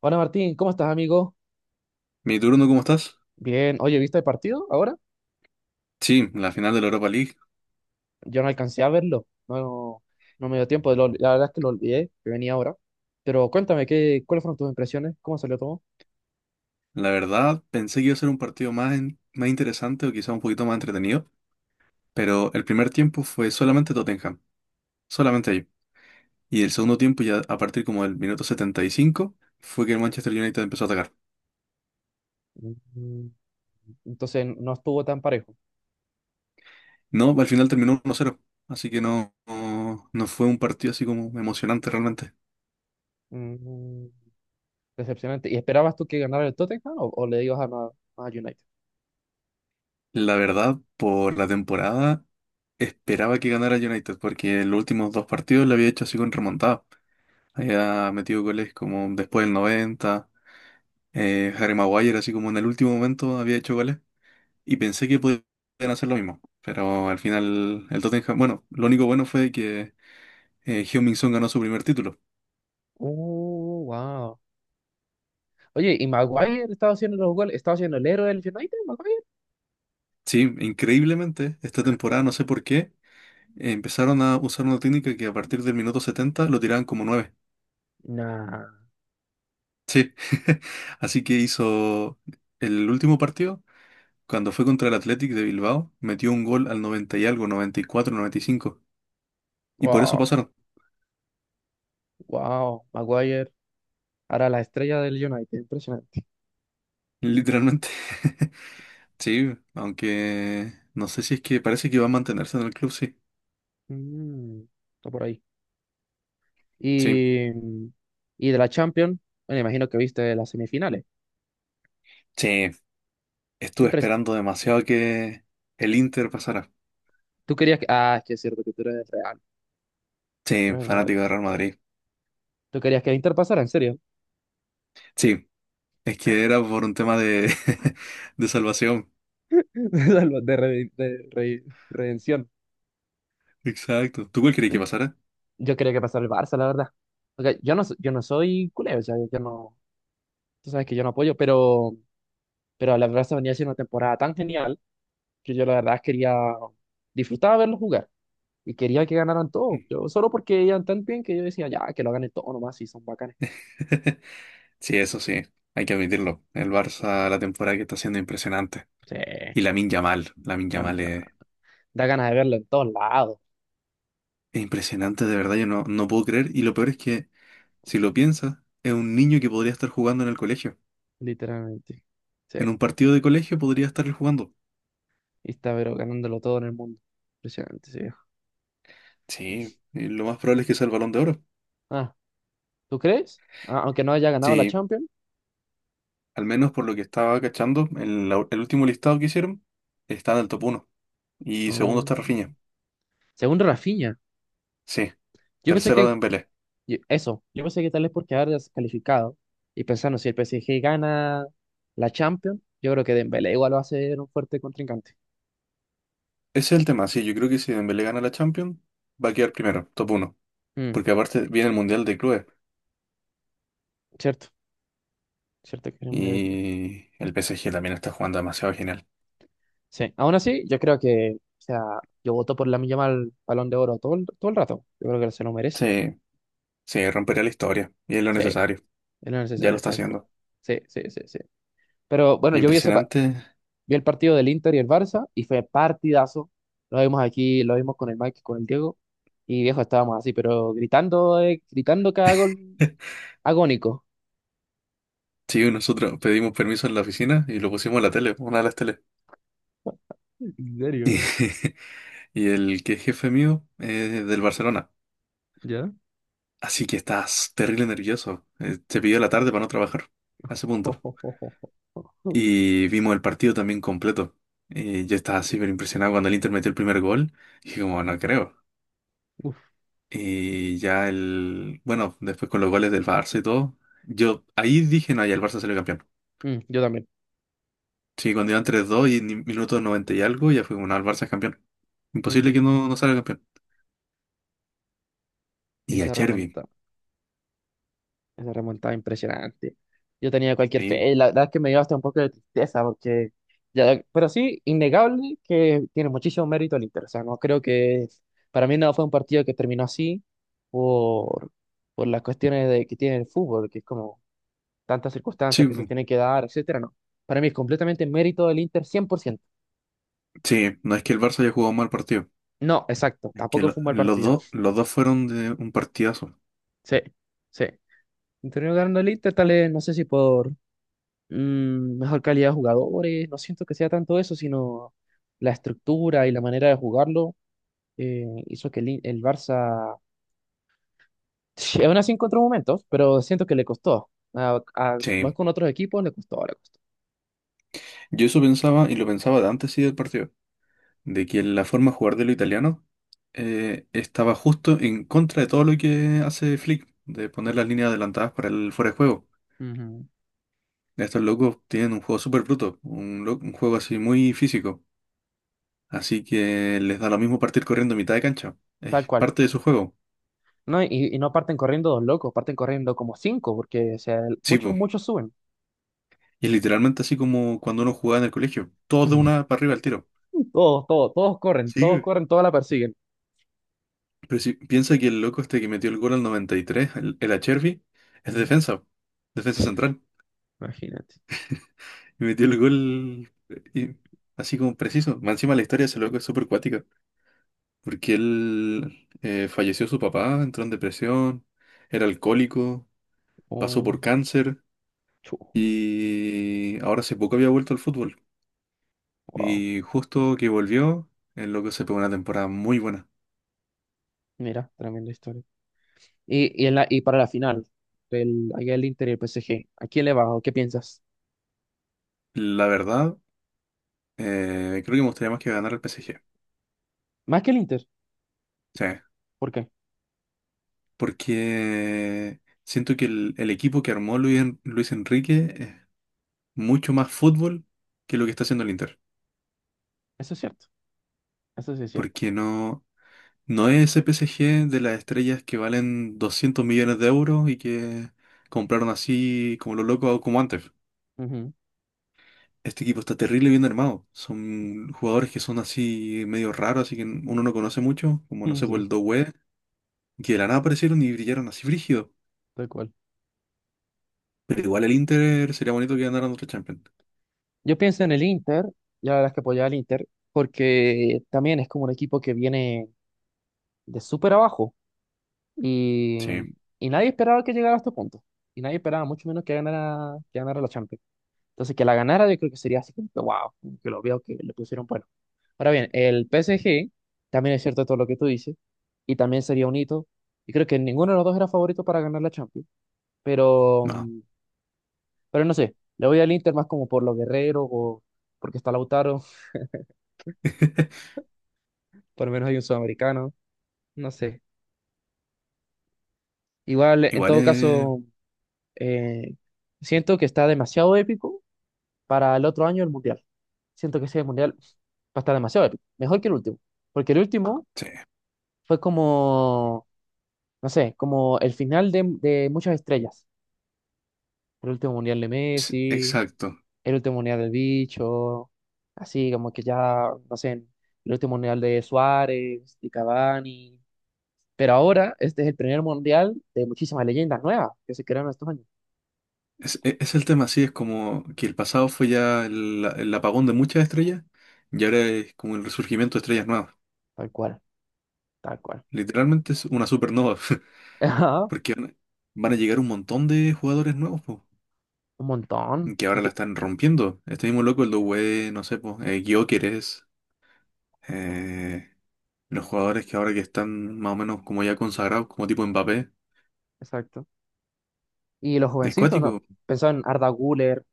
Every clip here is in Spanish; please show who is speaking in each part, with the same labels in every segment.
Speaker 1: Hola Martín, ¿cómo estás, amigo?
Speaker 2: Mi turno, ¿cómo estás?
Speaker 1: Bien, oye, ¿viste el partido ahora?
Speaker 2: Sí, la final de la Europa League.
Speaker 1: Yo no alcancé a verlo, no, no me dio tiempo, la verdad es que lo olvidé, que venía ahora. Pero cuéntame, ¿cuáles fueron tus impresiones? ¿Cómo salió todo?
Speaker 2: La verdad, pensé que iba a ser un partido más, más interesante o quizá un poquito más entretenido, pero el primer tiempo fue solamente Tottenham, solamente ahí. Y el segundo tiempo, ya a partir como del minuto 75, fue que el Manchester United empezó a atacar.
Speaker 1: Mm, Entonces, no estuvo tan parejo.
Speaker 2: No, al final terminó 1 cero, así que no, no, no fue un partido así como emocionante realmente.
Speaker 1: Mm, Decepcionante. ¿Y esperabas tú que ganara el Tottenham o le ibas a United?
Speaker 2: La verdad, por la temporada, esperaba que ganara el United, porque en los últimos dos partidos le había hecho así con remontada. Había metido goles como después del 90. Harry Maguire, así como en el último momento, había hecho goles. Y pensé que podían hacer lo mismo. Pero al final, el Tottenham. Bueno, lo único bueno fue que Heung-min Son ganó su primer título.
Speaker 1: Wow. Oye, ¿y Maguire estaba haciendo los goles? ¿Estaba haciendo el héroe del United, Maguire?
Speaker 2: Sí, increíblemente, esta temporada, no sé por qué, empezaron a usar una técnica que a partir del minuto 70 lo tiraban como nueve.
Speaker 1: Nah.
Speaker 2: Sí. Así que hizo el último partido. Cuando fue contra el Athletic de Bilbao, metió un gol al 90 y algo, 94, 95. Y por eso
Speaker 1: Wow,
Speaker 2: pasaron,
Speaker 1: wow, Maguire. Ahora la estrella del United, impresionante.
Speaker 2: literalmente. Sí, aunque no sé si es que parece que va a mantenerse en el club, sí.
Speaker 1: Mm, Está por ahí.
Speaker 2: Sí,
Speaker 1: Y, mm, y de la Champions, bueno, imagino que viste las semifinales.
Speaker 2: sí.
Speaker 1: ¿Qué
Speaker 2: Estuve
Speaker 1: impres-
Speaker 2: esperando demasiado que el Inter pasara.
Speaker 1: Ah, es que es cierto que tú eres real. Tú
Speaker 2: Sí,
Speaker 1: eres el Madrid.
Speaker 2: fanático de Real Madrid.
Speaker 1: ¿Tú querías que Inter pasara, en serio?
Speaker 2: Sí, es que era por un tema de, de salvación.
Speaker 1: De, re- de re- redención.
Speaker 2: Exacto. ¿Tú cuál crees que pasara?
Speaker 1: Yo quería que pasara el Barça, la verdad. Porque yo no soy culé, o sea, yo no. Tú sabes que yo no apoyo, pero la Barça venía haciendo una temporada tan genial que yo la verdad quería disfrutar verlo jugar. Y quería que ganaran todos. Yo solo porque iban tan bien que yo decía, ya, que lo ganen todos nomás, si son bacanes.
Speaker 2: Sí, eso sí, hay que admitirlo. El Barça, la temporada que está haciendo es impresionante.
Speaker 1: Sí,
Speaker 2: Y Lamine Yamal, Lamine
Speaker 1: ya,
Speaker 2: Yamal
Speaker 1: da ganas de verlo en todos lados,
Speaker 2: es impresionante, de verdad, yo no, no puedo creer. Y lo peor es que si lo piensas, es un niño que podría estar jugando en el colegio.
Speaker 1: literalmente. Sí,
Speaker 2: En un partido de colegio podría estar él jugando.
Speaker 1: y está pero ganándolo todo en el mundo. Impresionante, sí.
Speaker 2: Sí, y lo más probable es que sea el Balón de Oro.
Speaker 1: Ah, ¿tú crees? Ah, aunque no haya ganado la
Speaker 2: Sí,
Speaker 1: Champions.
Speaker 2: al menos por lo que estaba cachando, en el último listado que hicieron, está en el top uno. Y segundo
Speaker 1: Ah,
Speaker 2: está Rafinha.
Speaker 1: según Rafinha,
Speaker 2: Sí,
Speaker 1: yo pensé
Speaker 2: tercero
Speaker 1: que
Speaker 2: Dembélé.
Speaker 1: yo pensé que tal vez porque haber calificado y pensando si el PSG gana la Champions, yo creo que Dembélé igual va a ser un fuerte contrincante.
Speaker 2: Ese es el tema, sí, yo creo que si Dembélé gana la Champions, va a quedar primero, top uno.
Speaker 1: Mm,
Speaker 2: Porque aparte viene el Mundial de Clubes
Speaker 1: cierto, cierto que era una debilidad.
Speaker 2: y el PSG también está jugando demasiado genial.
Speaker 1: Sí, aún así, yo creo que, o sea, yo voto por la Yamal Balón de Oro todo el rato. Yo creo que se lo merece.
Speaker 2: Sí, sí, rompería la historia y es lo
Speaker 1: Sí, es
Speaker 2: necesario. Ya lo
Speaker 1: necesario,
Speaker 2: está
Speaker 1: tal cual.
Speaker 2: haciendo.
Speaker 1: Sí, sí, sí, sí. Pero bueno, yo vi, ese pa-
Speaker 2: Impresionante.
Speaker 1: vi el partido del Inter y el Barça y fue partidazo. Lo vimos aquí, lo vimos con el Mike, y con el Diego. Y viejo, estábamos así, pero gritando cada gol agónico.
Speaker 2: Sí, nosotros pedimos permiso en la oficina y lo pusimos en la tele, una de las teles.
Speaker 1: ¿En serio?
Speaker 2: Y, y el que es jefe mío es del Barcelona.
Speaker 1: ¿Ya?
Speaker 2: Así que estás terrible nervioso. Te pidió la tarde para no trabajar, a ese punto. Y vimos el partido también completo. Y yo estaba súper impresionado cuando el Inter metió el primer gol. Y dije como, no creo.
Speaker 1: Uf.
Speaker 2: Y ya el... Bueno, después con los goles del Barça y todo. Yo ahí dije, no, ya el Barça salió campeón.
Speaker 1: Yo también.
Speaker 2: Sí, cuando iban 3-2 y minutos 90 y algo, ya fue como, no, el Barça es campeón. Imposible que
Speaker 1: Mm,
Speaker 2: no, no salga campeón.
Speaker 1: Y
Speaker 2: Y a
Speaker 1: se
Speaker 2: Chervi,
Speaker 1: remonta. Esa remontada impresionante. Yo tenía cualquier fe.
Speaker 2: sí.
Speaker 1: Y la verdad es que me dio hasta un poco de tristeza porque ya, pero sí, innegable que tiene muchísimo mérito el Inter. O sea, no creo que para mí no fue un partido que terminó así por, por las cuestiones de, que tiene el fútbol, que es como tantas
Speaker 2: Sí,
Speaker 1: circunstancias que se tienen que dar, etcétera, no. Para mí es completamente mérito del Inter 100%.
Speaker 2: sí, no es que el Barça haya jugado mal partido,
Speaker 1: No, exacto,
Speaker 2: es que
Speaker 1: tampoco fue un mal partido.
Speaker 2: los dos fueron de un partidazo.
Speaker 1: Sí, sí. Y terminó ganando el Inter, tal vez, no sé si por mejor calidad de jugadores. No siento que sea tanto eso, sino la estructura y la manera de jugarlo hizo que el Barça, sí, aún así encontró momentos, pero siento que le costó. Más
Speaker 2: Sí,
Speaker 1: con otros equipos, le costó, le costó.
Speaker 2: yo eso pensaba, y lo pensaba de antes sí del partido, de que la forma de jugar de los italianos estaba justo en contra de todo lo que hace Flick, de poner las líneas adelantadas para el fuera de juego.
Speaker 1: Ujú.
Speaker 2: Estos locos tienen un juego súper bruto, un juego así muy físico. Así que les da lo mismo partir corriendo a mitad de cancha.
Speaker 1: Tal
Speaker 2: Es
Speaker 1: cual.
Speaker 2: parte de su juego.
Speaker 1: No, y no parten corriendo dos locos, parten corriendo como cinco, porque o sea,
Speaker 2: Sí,
Speaker 1: muchos,
Speaker 2: po.
Speaker 1: muchos suben.
Speaker 2: Y es literalmente así como cuando uno jugaba en el colegio. Todos de una para arriba al tiro.
Speaker 1: Todos, todos, todos corren, todos
Speaker 2: Sí.
Speaker 1: corren, todos la persiguen.
Speaker 2: Pero si piensa que el loco este que metió el gol al 93, el Achervi, es de
Speaker 1: Ujú.
Speaker 2: defensa. Defensa central.
Speaker 1: Imagínate.
Speaker 2: Y metió el gol así como preciso. Más encima la historia de ese loco es súper cuática. Porque él falleció su papá, entró en depresión, era alcohólico, pasó por
Speaker 1: Un
Speaker 2: cáncer
Speaker 1: chu,
Speaker 2: y ahora hace poco había vuelto al fútbol.
Speaker 1: wow.
Speaker 2: Y justo que volvió, el loco se pegó una temporada muy buena.
Speaker 1: Mira, tremenda historia. Y para la final, el Inter y el PSG, ¿a quién le vas o qué piensas?
Speaker 2: La verdad, creo que me gustaría más que ganara el PSG.
Speaker 1: Más que el Inter,
Speaker 2: Sí,
Speaker 1: ¿por qué?
Speaker 2: porque siento que el equipo que armó Luis Enrique es mucho más fútbol que lo que está haciendo el Inter.
Speaker 1: Eso es cierto, eso sí es cierto.
Speaker 2: Porque no, no es ese PSG de las estrellas que valen 200 millones de euros y que compraron así como los locos o como antes.
Speaker 1: Ujú.
Speaker 2: Este equipo está terrible bien armado. Son jugadores que son así medio raros, así que uno no conoce mucho, como no
Speaker 1: Mm,
Speaker 2: sé, por
Speaker 1: sí,
Speaker 2: el Doué, que de la nada aparecieron y brillaron así frígido.
Speaker 1: tal cual.
Speaker 2: Pero igual el Inter sería bonito que ganaran otro Champions.
Speaker 1: Yo pienso en el Inter, la verdad es que apoyaba al Inter, porque también es como un equipo que viene de súper abajo y,
Speaker 2: Sí,
Speaker 1: y nadie esperaba que llegara a este punto. Y nadie esperaba, mucho menos que ganara la Champions. Entonces, que la ganara, yo creo que sería así como que wow, como que lo veo que le pusieron bueno. Ahora bien, el PSG, también es cierto todo lo que tú dices, y también sería un hito. Y creo que ninguno de los dos era favorito para ganar la Champions, pero,
Speaker 2: no.
Speaker 1: mm, pero no sé, le voy al Inter más como por los guerreros o porque está Lautaro, por lo menos hay un sudamericano, no sé. Igual, en
Speaker 2: Igual
Speaker 1: todo
Speaker 2: es...
Speaker 1: caso, eh, siento que está demasiado épico para el otro año el Mundial. Siento que ese Mundial va a estar demasiado épico, mejor que el último, porque el último
Speaker 2: Sí,
Speaker 1: fue como, no sé, como el final de muchas estrellas. El último mundial de
Speaker 2: es-
Speaker 1: Messi,
Speaker 2: exacto.
Speaker 1: el último mundial del Bicho, así como que ya, no sé, el último mundial de Suárez, de Cavani. Pero ahora este es el primer mundial de muchísimas leyendas nuevas que se crearon estos años.
Speaker 2: Es el tema, sí, es como que el pasado fue ya el apagón de muchas estrellas y ahora es como el resurgimiento de estrellas nuevas.
Speaker 1: Tal cual, tal cual.
Speaker 2: Literalmente es una supernova.
Speaker 1: Ajá,
Speaker 2: Porque van a llegar un montón de jugadores nuevos, po.
Speaker 1: un montón.
Speaker 2: Que
Speaker 1: Y
Speaker 2: ahora la
Speaker 1: que-
Speaker 2: están rompiendo. Este mismo loco, el Doué, no sé, pues, Gyökeres, eh, los jugadores que ahora que están más o menos como ya consagrados, como tipo Mbappé.
Speaker 1: exacto. Y los
Speaker 2: ¿Es
Speaker 1: jovencitos, ¿no?
Speaker 2: cuático?
Speaker 1: Pensaba en Arda Güler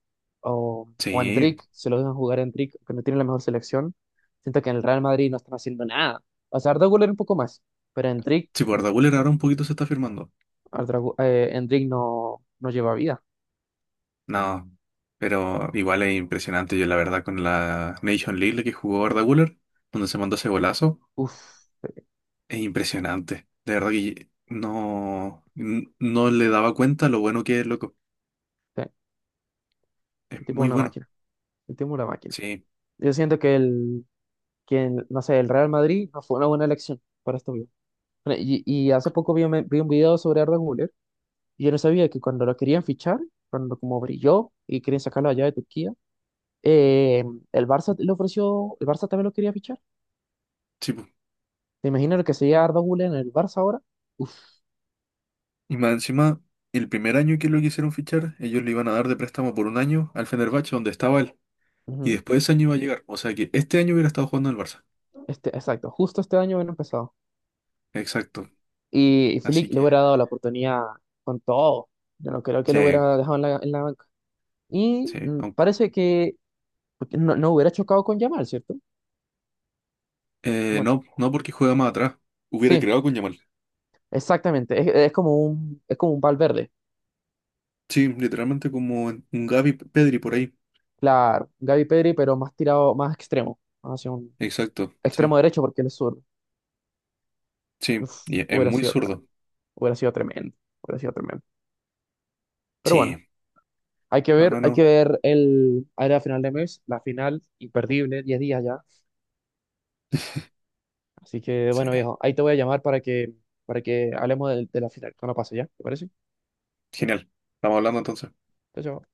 Speaker 1: o
Speaker 2: Sí,
Speaker 1: Endrick, se lo dejan jugar a Endrick, que no tiene la mejor selección. Siento que en el Real Madrid no están haciendo nada. O sea, Arda Güler un poco más, pero Endrick,
Speaker 2: sí, por
Speaker 1: o
Speaker 2: Guller
Speaker 1: sea,
Speaker 2: ahora un poquito se está firmando.
Speaker 1: Endrick no lleva vida.
Speaker 2: No, pero igual es impresionante, yo la verdad, con la Nation League la que jugó Arda Güler, donde se mandó ese golazo,
Speaker 1: Uf,
Speaker 2: es impresionante. De verdad que no, no le daba cuenta lo bueno que es, loco.
Speaker 1: sí,
Speaker 2: Es
Speaker 1: el tipo es
Speaker 2: muy
Speaker 1: una
Speaker 2: bueno.
Speaker 1: máquina, el tipo es una máquina.
Speaker 2: Sí,
Speaker 1: Yo siento que no sé, el Real Madrid no fue una buena elección para este video. Y hace poco vi, vi un video sobre Arda Güler y yo no sabía que cuando lo querían fichar, cuando como brilló y querían sacarlo allá de Turquía, Eh, el Barça le ofreció, el Barça también lo quería fichar.
Speaker 2: sí, pues.
Speaker 1: ¿Te imaginas lo que sería Arda Güler en el Barça ahora? Uf,
Speaker 2: Y más encima, el primer año que lo quisieron fichar, ellos le iban a dar de préstamo por un año al Fenerbahce, donde estaba él. Y
Speaker 1: ujú.
Speaker 2: después de ese año iba a llegar. O sea que este año hubiera estado jugando en el Barça.
Speaker 1: Este, exacto, justo este año hubiera empezado.
Speaker 2: Exacto.
Speaker 1: Y
Speaker 2: Así
Speaker 1: Flick le
Speaker 2: que,
Speaker 1: hubiera dado la oportunidad con todo. Yo no creo que lo
Speaker 2: sí,
Speaker 1: hubiera dejado en la banca. Y
Speaker 2: sí.
Speaker 1: parece que porque no hubiera chocado con Yamal, ¿cierto? Como,
Speaker 2: No, no porque juega más atrás. Hubiera
Speaker 1: sí,
Speaker 2: creado con Yamal.
Speaker 1: exactamente. Es como un Valverde.
Speaker 2: Sí, literalmente como un Gavi Pedri por ahí.
Speaker 1: Claro, Gaby Pedri, pero más tirado, más extremo. Hacia un
Speaker 2: Exacto, sí,
Speaker 1: extremo derecho porque él es zurdo.
Speaker 2: sí.
Speaker 1: Uf,
Speaker 2: Y es
Speaker 1: hubiera
Speaker 2: muy
Speaker 1: sido tremendo.
Speaker 2: zurdo.
Speaker 1: Hubiera sido tremendo, hubiera sido tremendo. Pero
Speaker 2: Sí,
Speaker 1: bueno,
Speaker 2: al
Speaker 1: hay
Speaker 2: menos,
Speaker 1: que ver el área de final de mes, la final imperdible, 10 días ya. Así que
Speaker 2: sí.
Speaker 1: bueno, viejo, ahí te voy a llamar para que hablemos del de la final cuando pase ya, ¿te parece?
Speaker 2: Genial. Estamos hablando entonces.
Speaker 1: Chao, chao.